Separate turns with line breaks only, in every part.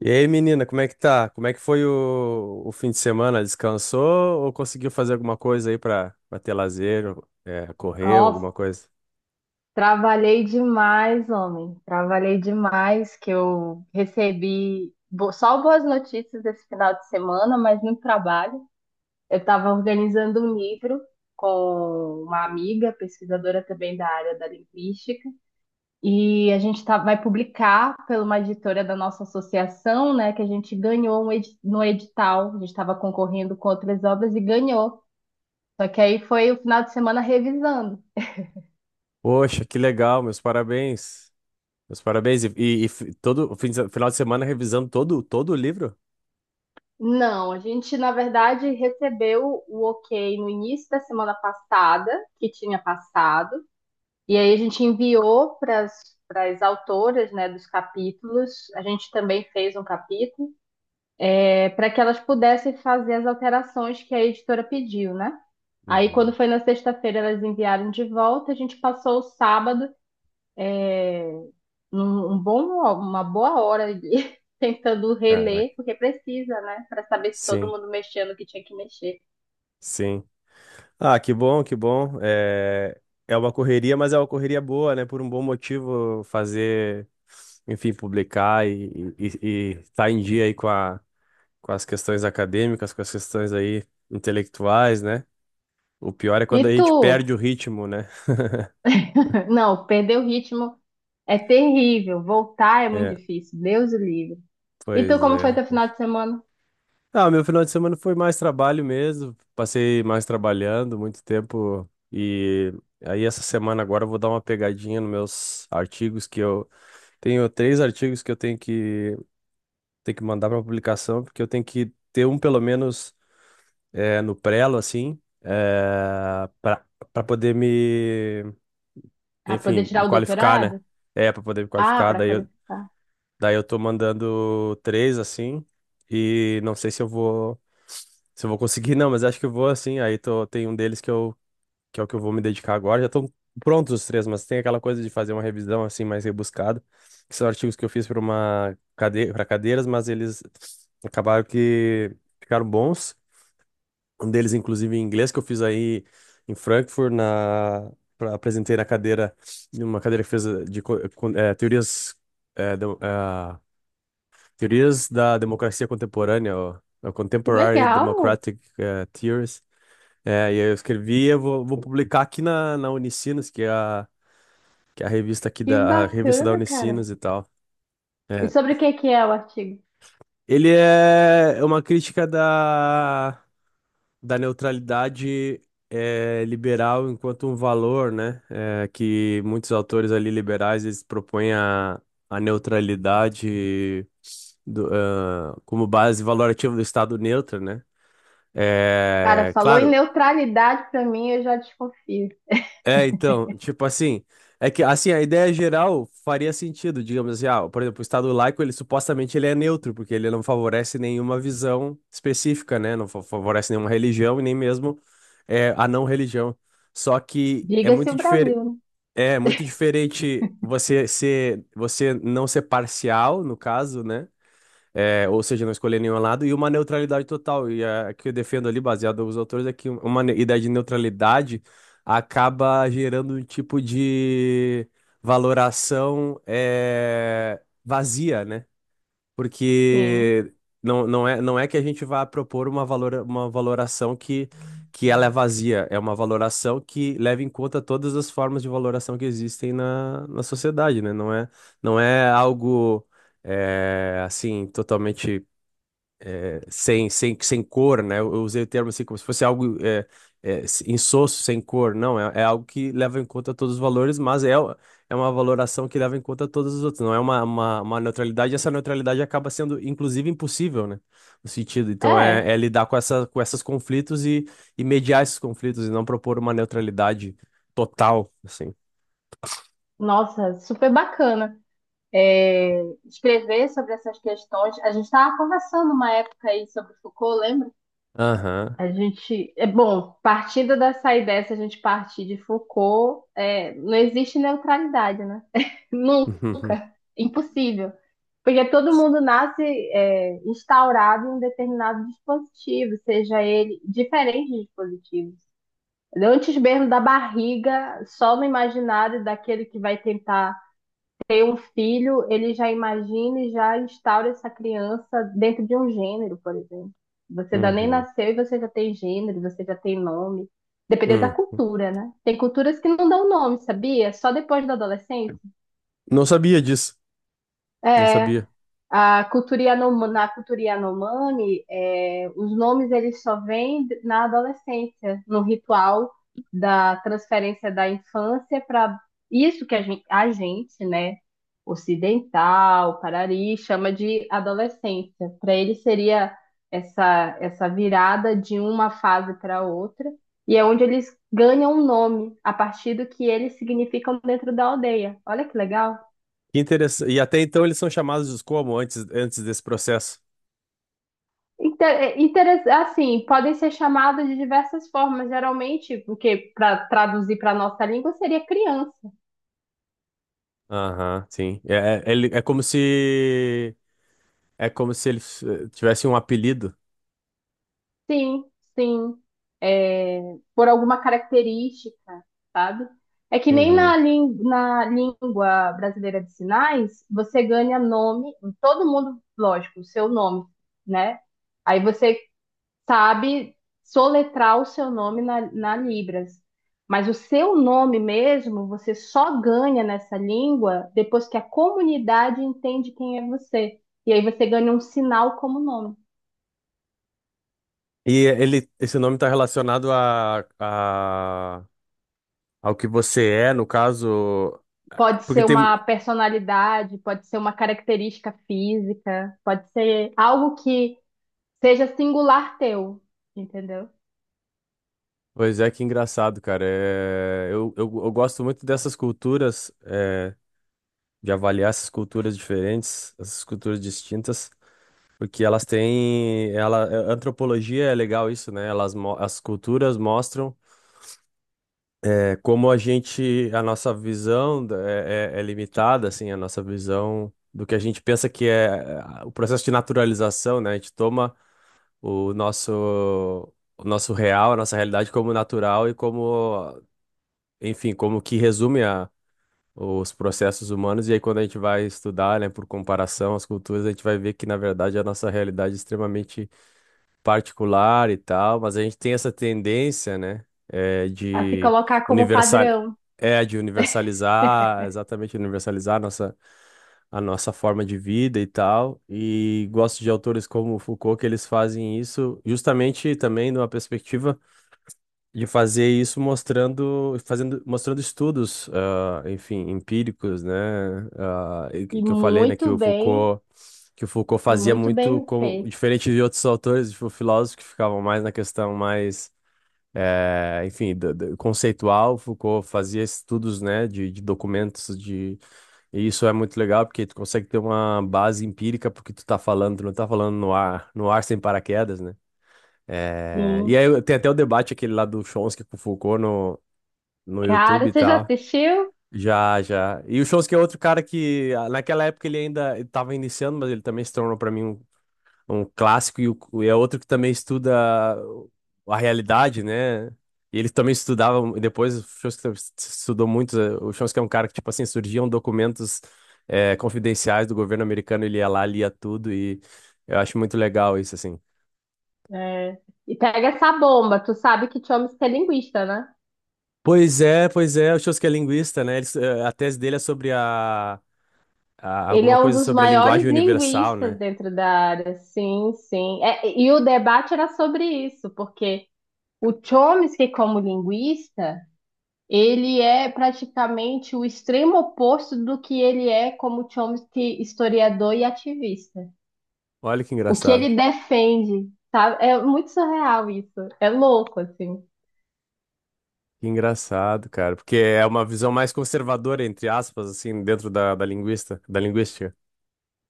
E aí, menina, como é que tá? Como é que foi o fim de semana? Descansou ou conseguiu fazer alguma coisa aí pra ter lazer, ou, correr, alguma
Nossa,
coisa?
trabalhei demais, homem. Trabalhei demais, que eu recebi só boas notícias esse final de semana, mas muito trabalho. Eu estava organizando um livro com uma amiga, pesquisadora também da área da linguística, e vai publicar pela uma editora da nossa associação, né, que a gente ganhou um no edital. A gente estava concorrendo com outras obras e ganhou. Só que aí foi o final de semana revisando.
Poxa, que legal, meus parabéns. Meus parabéns. Todo o fim de se- final de semana revisando todo o livro?
Não, a gente, na verdade, recebeu o ok no início da semana passada, que tinha passado, e aí a gente enviou para as autoras, né, dos capítulos, a gente também fez um capítulo, para que elas pudessem fazer as alterações que a editora pediu, né? Aí, quando
Uhum.
foi na sexta-feira, elas enviaram de volta, a gente passou o sábado é, um, um bom, uma boa hora ali, tentando
Caraca.
reler, porque precisa, né? Para saber se todo
Sim,
mundo mexendo o que tinha que mexer.
sim. Ah, que bom, que bom. É, é uma correria, mas é uma correria boa, né? Por um bom motivo fazer, enfim, publicar e estar em dia aí com a com as questões acadêmicas, com as questões aí intelectuais, né? O pior é
E
quando a
tu?
gente perde o ritmo, né?
Não, perder o ritmo é terrível. Voltar é muito
É,
difícil. Deus o livre. E tu,
pois
como foi
é.
teu final de semana?
Ah, meu final de semana foi mais trabalho mesmo. Passei mais trabalhando, muito tempo. E aí essa semana agora eu vou dar uma pegadinha nos meus artigos que eu tenho três artigos que eu tenho que mandar para publicação, porque eu tenho que ter um pelo menos no prelo assim, para para poder me
Ah, poder
enfim,
tirar
me
o
qualificar, né?
doutorado?
É, pra poder me
Ah,
qualificar.
para qualificar.
Daí eu tô mandando três, assim. E não sei se eu vou. Se eu vou conseguir, não, mas acho que eu vou, assim. Aí tô, tem um deles que, eu, que é o que eu vou me dedicar agora. Já estão prontos os três, mas tem aquela coisa de fazer uma revisão, assim, mais rebuscada. Que são artigos que eu fiz pra uma cadeira, para cadeiras, mas eles acabaram que ficaram bons. Um deles, inclusive, em inglês, que eu fiz aí em Frankfurt, na, apresentei na cadeira, numa cadeira que fez de co- eh, con- eh, teorias, eh, demo- ah, teorias da democracia contemporânea, ó,
Que
Contemporary
legal!
Democratic Theories. E aí eu escrevi, vou publicar aqui na Unicinos, que é que é a revista aqui
Que
da a revista da
bacana, cara.
Unicinos e tal.
E
É.
sobre o que que é o artigo?
Ele é é uma crítica da. Da neutralidade liberal enquanto um valor, né? É, que muitos autores ali liberais eles propõem a neutralidade do, ah, como base valorativa do Estado neutro, né?
Cara,
É,
falou em
claro.
neutralidade pra mim, eu já desconfio.
É, então, tipo assim, é que assim, a ideia geral faria sentido, digamos assim, ah, por exemplo, o Estado laico, ele supostamente ele é neutro, porque ele não favorece nenhuma visão específica, né? Não fa- favorece nenhuma religião e nem mesmo a não religião. Só que
Diga-se o Brasil, né?
é muito diferente você ser, você não ser parcial, no caso, né? É, ou seja, não escolher nenhum lado, e uma neutralidade total. E a que eu defendo ali, baseado nos autores, é que uma ideia de neutralidade acaba gerando um tipo de valoração vazia, né?
Sim.
Porque não, não é, não é que a gente vá propor uma, uma valoração que ela é vazia, é uma valoração que leva em conta todas as formas de valoração que existem na sociedade, né? Não é, não é algo assim totalmente sem cor, né? Eu usei o termo assim como se fosse algo insosso, sem cor. Não, é, é algo que leva em conta todos os valores, é uma valoração que leva em conta todos os outros. Não é uma neutralidade, e essa neutralidade acaba sendo, inclusive, impossível, né? No sentido. Então,
É,
é, é lidar com essa, com esses conflitos e mediar esses conflitos e não propor uma neutralidade total, assim.
nossa, super bacana. É, escrever sobre essas questões. A gente estava conversando uma época aí sobre Foucault, lembra?
Aham.
A gente, é bom, partindo dessa ideia, se a gente partir de Foucault, não existe neutralidade, né?
Uhum.
Nunca. Impossível. Porque todo mundo nasce instaurado em um determinado dispositivo, seja ele diferente de dispositivos. Antes mesmo da barriga, só no imaginário daquele que vai tentar ter um filho, ele já imagina e já instaura essa criança dentro de um gênero, por exemplo. Você ainda nem
Uhum.
nasceu e você já tem gênero, você já tem nome. Dependendo da
Hum.
cultura, né? Tem culturas que não dão nome, sabia? Só depois da adolescência.
Não sabia disso. Não
É,
sabia.
a cultura Yanomami, na cultura Yanomami, os nomes eles só vêm na adolescência, no ritual da transferência da infância para isso que a gente, né, ocidental, Parari, chama de adolescência. Para ele seria essa, essa virada de uma fase para outra, e é onde eles ganham um nome a partir do que eles significam dentro da aldeia. Olha que legal.
Que interessante. E até então eles são chamados como antes, antes desse processo?
Assim, podem ser chamadas de diversas formas, geralmente, porque para traduzir para a nossa língua seria criança.
Aham, sim. É, é, é como se eles tivessem um apelido.
Sim, sim. É, por alguma característica, sabe? É que nem na,
Uhum.
na língua brasileira de sinais, você ganha nome, todo mundo, lógico, o seu nome, né? Aí você sabe soletrar o seu nome na, na Libras. Mas o seu nome mesmo, você só ganha nessa língua depois que a comunidade entende quem é você. E aí você ganha um sinal como nome.
E ele, esse nome está relacionado a, ao que você é, no caso.
Pode
Porque
ser
tem.
uma personalidade, pode ser uma característica física, pode ser algo que seja singular teu, entendeu?
Pois é, que engraçado, cara. É, eu gosto muito dessas culturas, é, de avaliar essas culturas diferentes, essas culturas distintas. Porque elas têm, ela, a antropologia é legal isso, né? Elas, as culturas mostram como a gente, a nossa visão é limitada, assim, a nossa visão do que a gente pensa que é o processo de naturalização, né? A gente toma o nosso, o nosso real, a nossa realidade como natural e como, enfim, como que resume a, os processos humanos. E aí quando a gente vai estudar, né, por comparação às culturas, a gente vai ver que, na verdade, a nossa realidade é extremamente particular e tal, mas a gente tem essa tendência, né, é,
A se
de
colocar como
universal,
padrão.
é, de universalizar, exatamente universalizar a nossa forma de vida e tal. E gosto de autores como Foucault que eles fazem isso justamente também numa perspectiva de fazer isso mostrando, fazendo, mostrando estudos, ah, enfim, empíricos, né? Ah, e
E
que eu falei, né,
muito bem,
Que o Foucault
e
fazia
muito
muito
bem
como
feito.
diferente de outros autores, tipo, filósofos que ficavam mais na questão mais enfim, conceitual, Foucault fazia estudos, né, de documentos, de e isso é muito legal porque tu consegue ter uma base empírica porque tu tá falando, tu não tá falando no ar sem paraquedas, né? É,
Sim.
e aí tem até o debate aquele lá do Chomsky com o Foucault no, no YouTube
Cara,
e
você já
tal.
assistiu?
Já, já. E o Chomsky é outro cara que ah, naquela época ele ainda estava iniciando, mas ele também se tornou para mim um, um clássico e é outro que também estuda a realidade, né? E ele também estudava, e depois o Chomsky estudou muito. O Chomsky é um cara que, tipo assim, surgiam documentos confidenciais do governo americano, ele ia lá, lia tudo e eu acho muito legal isso, assim.
É. E pega essa bomba. Tu sabe que Chomsky é linguista, né?
Pois é, o Shows que é linguista, né? Eles, a tese dele é sobre a,
Ele
alguma
é um
coisa
dos
sobre a
maiores
linguagem universal,
linguistas
né?
dentro da área. Sim, sim. É, e o debate era sobre isso, porque o Chomsky, como linguista, ele é praticamente o extremo oposto do que ele é como Chomsky, historiador e ativista.
Olha que
O que
engraçado.
ele defende, sabe? É muito surreal isso. É louco, assim.
Que engraçado, cara, porque é uma visão mais conservadora, entre aspas, assim, dentro da, da linguista, da linguística.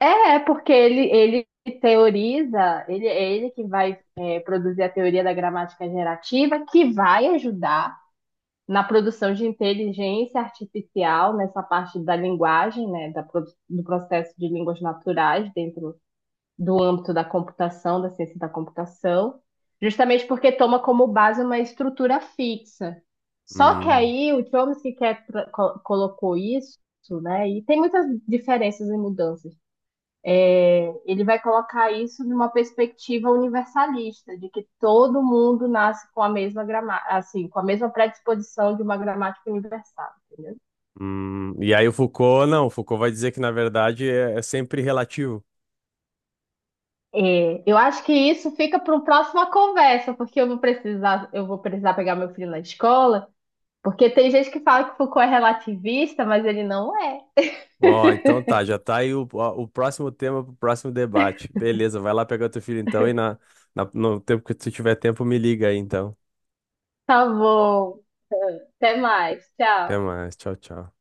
É, é porque ele teoriza, ele é ele que vai produzir a teoria da gramática gerativa, que vai ajudar na produção de inteligência artificial, nessa parte da linguagem, né, da, do processo de línguas naturais dentro do âmbito da computação, da ciência da computação, justamente porque toma como base uma estrutura fixa. Só que
Hum,
aí o Chomsky quer, colocou isso, né? E tem muitas diferenças e mudanças. É, ele vai colocar isso numa perspectiva universalista, de que todo mundo nasce com a mesma grama, assim, com a mesma predisposição de uma gramática universal, entendeu?
E aí o Foucault, não, o Foucault vai dizer que, na verdade, é, é sempre relativo.
É, eu acho que isso fica para uma próxima conversa, porque eu vou precisar pegar meu filho na escola. Porque tem gente que fala que Foucault é relativista, mas ele não é.
Ó, então tá, já tá aí o próximo tema pro próximo debate. Beleza, vai lá pegar teu filho então e na, no tempo que tu tiver tempo, me liga aí então.
Tá bom. Até mais.
Até
Tchau.
mais, tchau, tchau.